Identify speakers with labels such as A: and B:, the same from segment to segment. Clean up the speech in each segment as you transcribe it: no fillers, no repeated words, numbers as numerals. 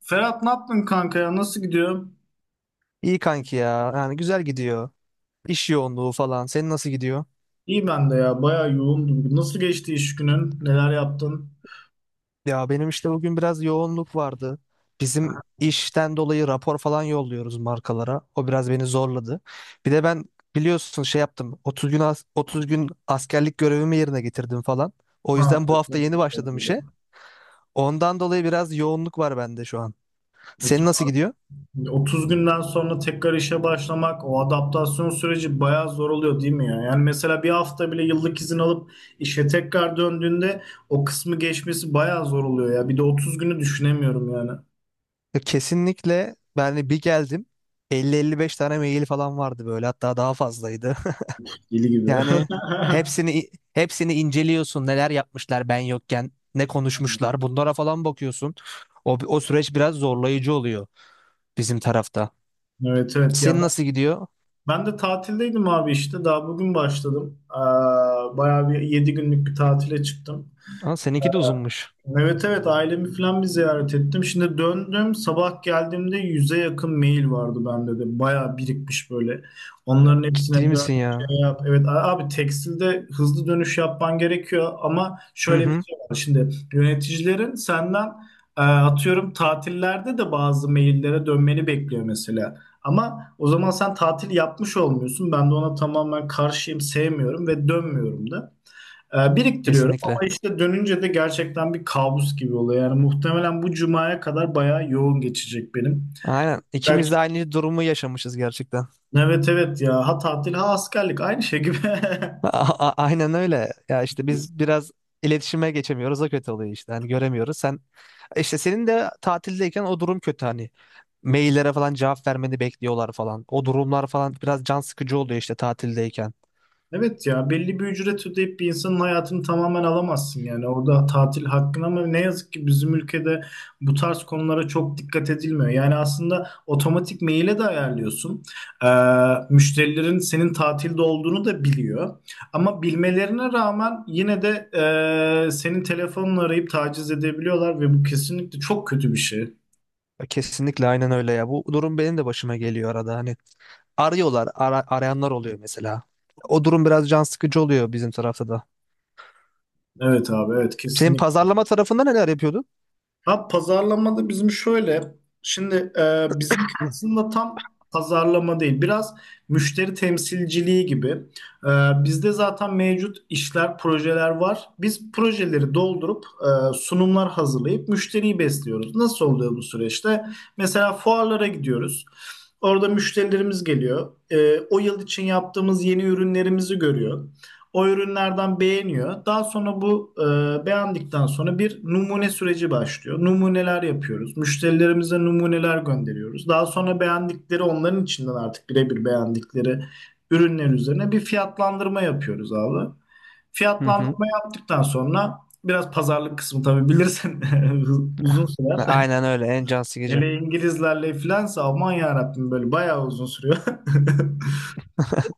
A: Ferhat ne yaptın kanka ya? Nasıl gidiyor?
B: İyi kanki ya. Yani güzel gidiyor. İş yoğunluğu falan. Senin nasıl gidiyor?
A: İyi ben de ya. Bayağı yoğundum. Nasıl geçti iş günün? Neler yaptın?
B: Ya benim işte bugün biraz yoğunluk vardı. Bizim işten dolayı rapor falan yolluyoruz markalara. O biraz beni zorladı. Bir de ben biliyorsun şey yaptım. 30 gün askerlik görevimi yerine getirdim falan. O
A: Ha,
B: yüzden bu
A: evet, ben
B: hafta
A: de
B: yeni
A: bir şey
B: başladım işe.
A: yapmadım.
B: Ondan dolayı biraz yoğunluk var bende şu an.
A: Of.
B: Senin nasıl gidiyor?
A: 30 günden sonra tekrar işe başlamak, o adaptasyon süreci bayağı zor oluyor değil mi ya? Yani mesela bir hafta bile yıllık izin alıp işe tekrar döndüğünde o kısmı geçmesi bayağı zor oluyor ya. Bir de 30 günü düşünemiyorum yani.
B: Ya kesinlikle ben de bir geldim. Elli beş tane mail falan vardı böyle, hatta daha fazlaydı.
A: Deli gibi.
B: Yani hepsini inceliyorsun, neler yapmışlar ben yokken, ne konuşmuşlar bunlara falan bakıyorsun. O süreç biraz zorlayıcı oluyor bizim tarafta.
A: Evet, evet ya.
B: Senin nasıl gidiyor?
A: Ben de tatildeydim abi işte. Daha bugün başladım. Bayağı bir 7 günlük bir tatile çıktım.
B: Aa, seninki de uzunmuş.
A: Evet, evet, ailemi falan bir ziyaret ettim. Şimdi döndüm, sabah geldiğimde 100'e yakın mail vardı bende de. Bayağı birikmiş böyle. Onların
B: Ciddi
A: hepsine dön
B: misin ya?
A: şey yap. Evet. Abi tekstilde hızlı dönüş yapman gerekiyor ama
B: Hı
A: şöyle bir
B: hı.
A: şey var. Şimdi yöneticilerin senden atıyorum tatillerde de bazı maillere dönmeni bekliyor mesela. Ama o zaman sen tatil yapmış olmuyorsun. Ben de ona tamamen karşıyım, sevmiyorum ve dönmüyorum da. Biriktiriyorum
B: Kesinlikle.
A: ama işte dönünce de gerçekten bir kabus gibi oluyor. Yani muhtemelen bu cumaya kadar bayağı yoğun geçecek benim.
B: Aynen. İkimiz
A: Belki,
B: de aynı durumu yaşamışız gerçekten.
A: evet, evet ya, ha tatil ha askerlik aynı şey gibi.
B: A- aynen öyle. Ya işte biz biraz iletişime geçemiyoruz. O kötü oluyor işte. Hani göremiyoruz. Sen işte senin de tatildeyken o durum kötü hani. Maillere falan cevap vermeni bekliyorlar falan. O durumlar falan biraz can sıkıcı oluyor işte tatildeyken.
A: Evet ya, belli bir ücret ödeyip bir insanın hayatını tamamen alamazsın, yani orada tatil hakkın, ama ne yazık ki bizim ülkede bu tarz konulara çok dikkat edilmiyor. Yani aslında otomatik maile de ayarlıyorsun. Ee, Müşterilerin senin tatilde olduğunu da biliyor. Ama bilmelerine rağmen yine de senin telefonunu arayıp taciz edebiliyorlar ve bu kesinlikle çok kötü bir şey.
B: Kesinlikle aynen öyle ya. Bu durum benim de başıma geliyor arada. Hani arıyorlar, arayanlar oluyor mesela. O durum biraz can sıkıcı oluyor bizim tarafta da.
A: Evet abi, evet,
B: Senin
A: kesinlikle.
B: pazarlama tarafında neler yapıyordun?
A: Ha, pazarlamada bizim şöyle, şimdi bizimki aslında tam pazarlama değil, biraz müşteri temsilciliği gibi. E, Bizde zaten mevcut işler, projeler var. Biz projeleri doldurup sunumlar hazırlayıp müşteriyi besliyoruz. Nasıl oluyor bu süreçte? Mesela fuarlara gidiyoruz. Orada müşterilerimiz geliyor. O yıl için yaptığımız yeni ürünlerimizi görüyor. O ürünlerden beğeniyor. Daha sonra bu beğendikten sonra bir numune süreci başlıyor. Numuneler yapıyoruz. Müşterilerimize numuneler gönderiyoruz. Daha sonra beğendikleri, onların içinden artık birebir beğendikleri ürünler üzerine bir fiyatlandırma yapıyoruz abi.
B: Hı hı.
A: Fiyatlandırma yaptıktan sonra biraz pazarlık kısmı, tabii bilirsin, uzun
B: Ha,
A: sürer.
B: aynen öyle, en can sıkıcı.
A: Hele İngilizlerle filansa aman yarabbim, böyle bayağı uzun sürüyor.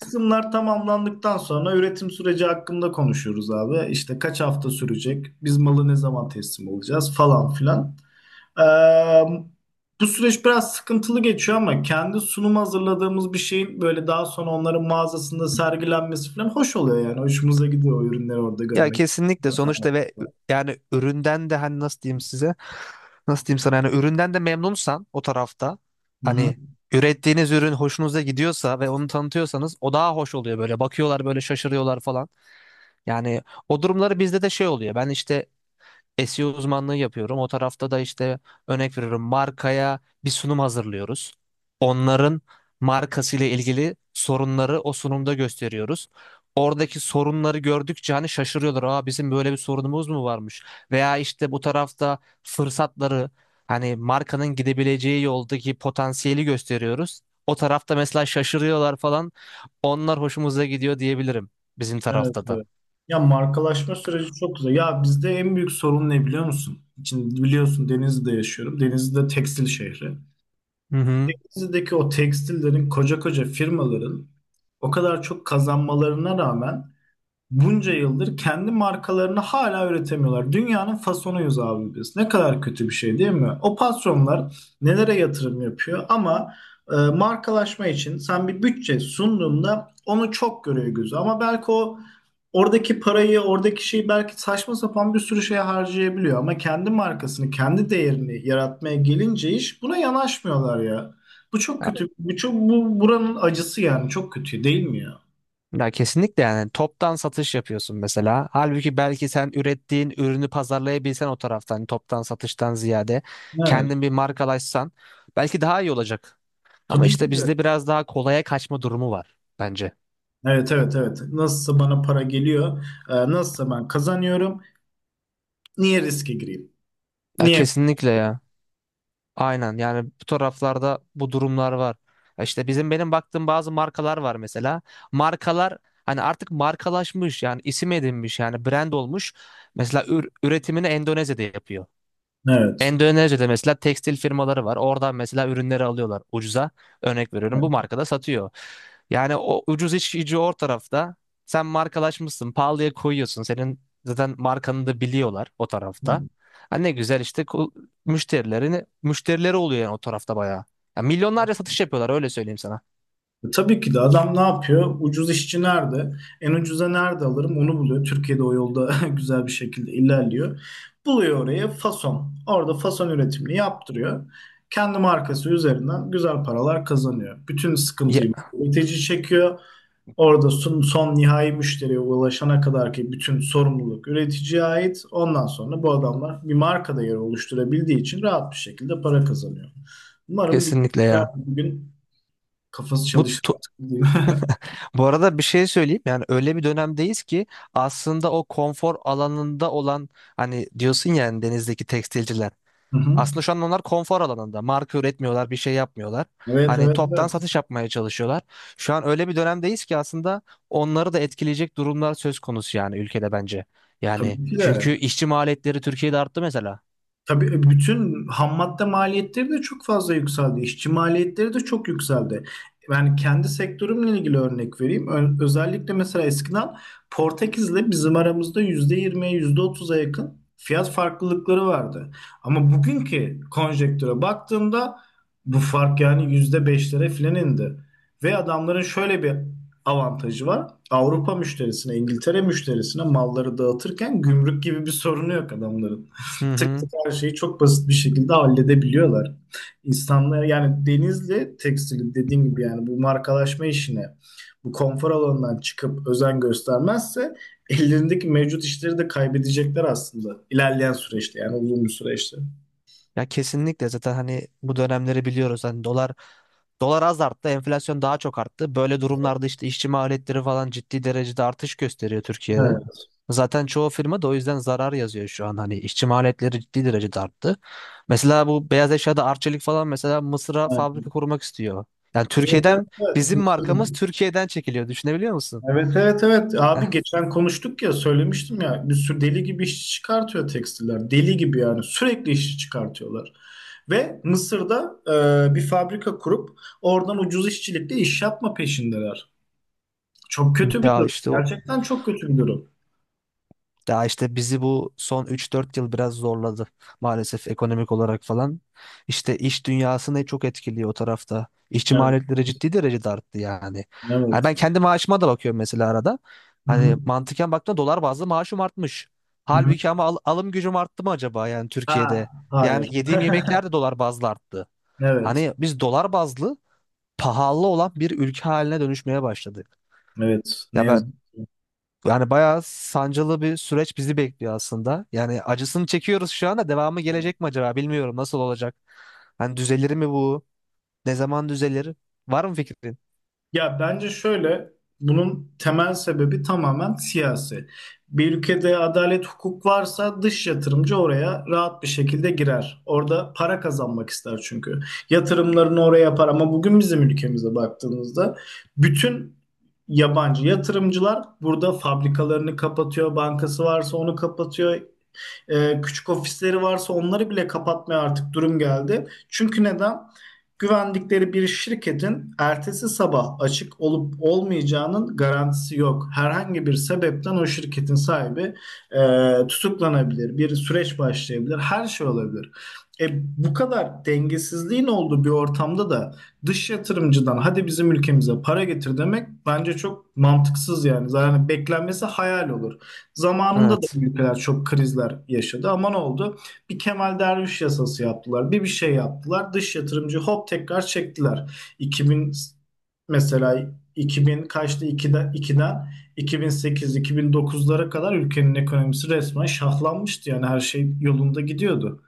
A: Kısımlar tamamlandıktan sonra üretim süreci hakkında konuşuyoruz abi. İşte kaç hafta sürecek, biz malı ne zaman teslim alacağız, falan filan. Ee, Bu süreç biraz sıkıntılı geçiyor ama kendi sunum hazırladığımız bir şeyin böyle daha sonra onların mağazasında sergilenmesi falan hoş oluyor yani. Hoşumuza gidiyor o ürünleri orada
B: Ya
A: görmek.
B: kesinlikle sonuçta ve yani üründen de hani nasıl diyeyim size? Nasıl diyeyim sana, yani üründen de memnunsan o tarafta,
A: Hı hı.
B: hani ürettiğiniz ürün hoşunuza gidiyorsa ve onu tanıtıyorsanız, o daha hoş oluyor böyle. Bakıyorlar böyle, şaşırıyorlar falan. Yani o durumları bizde de şey oluyor. Ben işte SEO uzmanlığı yapıyorum. O tarafta da işte örnek veriyorum markaya, bir sunum hazırlıyoruz. Onların markasıyla ilgili sorunları o sunumda gösteriyoruz. Oradaki sorunları gördükçe hani şaşırıyorlar. Aa, bizim böyle bir sorunumuz mu varmış? Veya işte bu tarafta fırsatları, hani markanın gidebileceği yoldaki potansiyeli gösteriyoruz. O tarafta mesela şaşırıyorlar falan. Onlar hoşumuza gidiyor diyebilirim bizim
A: Evet,
B: tarafta da.
A: evet. Ya markalaşma süreci çok güzel. Ya bizde en büyük sorun ne biliyor musun? Şimdi biliyorsun, Denizli'de yaşıyorum. Denizli de tekstil şehri.
B: Hı hı.
A: Denizdeki o tekstillerin, koca koca firmaların o kadar çok kazanmalarına rağmen bunca yıldır kendi markalarını hala üretemiyorlar. Dünyanın fasonuyuz abi biz. Ne kadar kötü bir şey değil mi? O patronlar nelere yatırım yapıyor ama markalaşma için sen bir bütçe sunduğunda onu çok görüyor gözü. Ama belki o oradaki parayı, oradaki şeyi belki saçma sapan bir sürü şeye harcayabiliyor. Ama kendi markasını, kendi değerini yaratmaya gelince iş, buna yanaşmıyorlar ya. Bu çok kötü. Bu çok, bu buranın acısı yani, çok kötü değil mi ya?
B: Ya kesinlikle, yani toptan satış yapıyorsun mesela. Halbuki belki sen ürettiğin ürünü pazarlayabilsen, o taraftan toptan satıştan ziyade
A: Evet.
B: kendin bir markalaşsan, belki daha iyi olacak. Ama
A: Tabii
B: işte
A: ki de.
B: bizde biraz daha kolaya kaçma durumu var bence.
A: Evet, evet, evet. Nasılsa bana para geliyor. Nasılsa ben kazanıyorum. Niye riske gireyim?
B: Ya
A: Niye?
B: kesinlikle ya. Aynen, yani bu taraflarda bu durumlar var. Ya İşte bizim, benim baktığım bazı markalar var mesela. Markalar hani artık markalaşmış, yani isim edinmiş, yani brand olmuş. Mesela üretimini Endonezya'da yapıyor.
A: Evet.
B: Endonezya'da mesela tekstil firmaları var. Oradan mesela ürünleri alıyorlar ucuza. Örnek veriyorum, bu
A: Evet.
B: markada satıyor. Yani o ucuz işçi o tarafta. Sen markalaşmışsın, pahalıya koyuyorsun. Senin zaten markanı da biliyorlar o tarafta.
A: Hmm.
B: Ha ne güzel işte, müşterileri oluyor yani o tarafta bayağı. Ya milyonlarca satış yapıyorlar, öyle söyleyeyim sana.
A: Tabii ki de, adam ne yapıyor? Ucuz işçi nerede? En ucuza nerede alırım? Onu buluyor. Türkiye'de o yolda güzel bir şekilde ilerliyor. Buluyor oraya fason. Orada fason üretimini yaptırıyor. Kendi markası üzerinden güzel paralar kazanıyor. Bütün
B: Ya,
A: sıkıntıyı üretici çekiyor. Orada son, son nihai müşteriye ulaşana kadar ki bütün sorumluluk üreticiye ait. Ondan sonra bu adamlar bir marka değeri oluşturabildiği için rahat bir şekilde para kazanıyor. Umarım bir
B: kesinlikle
A: bir
B: ya.
A: gün kafası
B: Bu
A: çalışır artık diyeyim.
B: Bu arada bir şey söyleyeyim, yani öyle bir dönemdeyiz ki aslında o konfor alanında olan, hani diyorsun ya hani denizdeki tekstilciler,
A: Hı hı.
B: aslında şu an onlar konfor alanında marka üretmiyorlar, bir şey yapmıyorlar,
A: Evet,
B: hani
A: evet,
B: toptan
A: evet.
B: satış yapmaya çalışıyorlar. Şu an öyle bir dönemdeyiz ki aslında onları da etkileyecek durumlar söz konusu yani ülkede, bence yani,
A: Tabii ki
B: çünkü
A: de.
B: işçi maliyetleri Türkiye'de arttı mesela.
A: Tabii bütün ham madde maliyetleri de çok fazla yükseldi. İşçi maliyetleri de çok yükseldi. Ben kendi sektörümle ilgili örnek vereyim. Özellikle mesela eskiden Portekiz'le bizim aramızda %20'ye yüzde otuz'a yakın fiyat farklılıkları vardı. Ama bugünkü konjektüre baktığımda bu fark yani %5'lere filan indi. Ve adamların şöyle bir avantajı var. Avrupa müşterisine, İngiltere müşterisine malları dağıtırken gümrük gibi bir sorunu yok adamların,
B: Hı
A: tık
B: hı.
A: tık her şeyi çok basit bir şekilde halledebiliyorlar. İnsanlar, yani denizle tekstilin dediğim gibi, yani bu markalaşma işine, bu konfor alanından çıkıp özen göstermezse ellerindeki mevcut işleri de kaybedecekler aslında ilerleyen süreçte, yani uzun bir süreçte.
B: Ya kesinlikle, zaten hani bu dönemleri biliyoruz. Hani dolar az arttı, enflasyon daha çok arttı. Böyle durumlarda işte işçi maliyetleri falan ciddi derecede artış gösteriyor Türkiye'de.
A: Evet.
B: Zaten çoğu firma da o yüzden zarar yazıyor şu an. Hani işçi maliyetleri ciddi derecede arttı. Mesela bu beyaz eşyada Arçelik falan mesela Mısır'a
A: Evet,
B: fabrika kurmak istiyor. Yani
A: evet, evet.
B: Bizim
A: Mısır'da.
B: markamız Türkiye'den çekiliyor. Düşünebiliyor musun?
A: Evet, evet, evet
B: Heh.
A: abi, geçen konuştuk ya, söylemiştim ya, bir sürü deli gibi işçi çıkartıyor tekstiller, deli gibi yani sürekli işçi çıkartıyorlar ve Mısır'da bir fabrika kurup oradan ucuz işçilikle iş yapma peşindeler. Çok kötü bir
B: Ya
A: durum,
B: işte o.
A: gerçekten çok kötü bir durum.
B: Daha işte bizi bu son 3 4 yıl biraz zorladı maalesef, ekonomik olarak falan. İşte iş dünyasını çok etkiliyor o tarafta. İşçi
A: Evet.
B: maliyetleri ciddi derecede arttı yani. Hani
A: Evet.
B: ben kendi maaşıma da bakıyorum mesela arada.
A: Hı
B: Hani
A: hı,
B: mantıken baktığımda dolar bazlı maaşım artmış.
A: hı hı.
B: Halbuki ama alım gücüm arttı mı acaba yani Türkiye'de?
A: Ha,
B: Yani
A: hayır.
B: yediğim yemekler de dolar bazlı arttı.
A: Evet,
B: Hani biz dolar bazlı pahalı olan bir ülke haline dönüşmeye başladık.
A: evet, ne
B: Ya
A: yazık
B: ben
A: ki.
B: yani bayağı sancılı bir süreç bizi bekliyor aslında. Yani acısını çekiyoruz şu anda. Devamı gelecek mi acaba? Bilmiyorum nasıl olacak. Hani düzelir mi bu? Ne zaman düzelir? Var mı fikrin?
A: Ya bence şöyle, bunun temel sebebi tamamen siyasi. Bir ülkede adalet, hukuk varsa dış yatırımcı oraya rahat bir şekilde girer. Orada para kazanmak ister çünkü. Yatırımlarını oraya yapar, ama bugün bizim ülkemize baktığımızda bütün yabancı yatırımcılar burada fabrikalarını kapatıyor, bankası varsa onu kapatıyor, küçük ofisleri varsa onları bile kapatmaya artık durum geldi. Çünkü neden? Güvendikleri bir şirketin ertesi sabah açık olup olmayacağının garantisi yok. Herhangi bir sebepten o şirketin sahibi tutuklanabilir, bir süreç başlayabilir, her şey olabilir. E, Bu kadar dengesizliğin olduğu bir ortamda da dış yatırımcıdan hadi bizim ülkemize para getir demek bence çok mantıksız yani. Zaten beklenmesi hayal olur. Zamanında da
B: Evet.
A: bu ülkeler çok krizler yaşadı, ama ne oldu? Bir Kemal Derviş yasası yaptılar. Bir şey yaptılar. Dış yatırımcı hop tekrar çektiler. 2000, mesela 2000 kaçtı, 2'den 2008 2009'lara kadar ülkenin ekonomisi resmen şahlanmıştı. Yani her şey yolunda gidiyordu.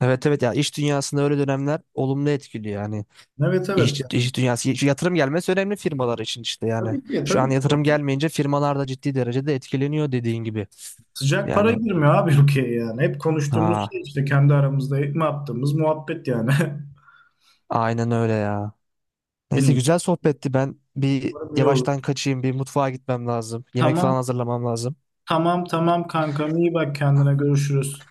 B: Evet evet ya, iş dünyasında öyle dönemler olumlu etkiliyor yani.
A: Evet, evet
B: İş,
A: yani.
B: iş dünyası şu yatırım gelmesi önemli firmalar için, işte yani.
A: Tabii ki,
B: Şu an
A: tabii ki.
B: yatırım gelmeyince firmalar da ciddi derecede etkileniyor dediğin gibi.
A: Sıcak para
B: Yani
A: girmiyor abi ülkeye yani. Hep konuştuğumuz
B: ha,
A: şey işte, kendi aramızda ne yaptığımız muhabbet yani.
B: aynen öyle ya. Neyse
A: Bilmiyorum.
B: güzel sohbetti. Ben bir
A: Umarım iyi olur.
B: yavaştan kaçayım. Bir mutfağa gitmem lazım. Yemek falan
A: Tamam.
B: hazırlamam lazım.
A: Tamam, tamam kankam, iyi bak kendine, görüşürüz.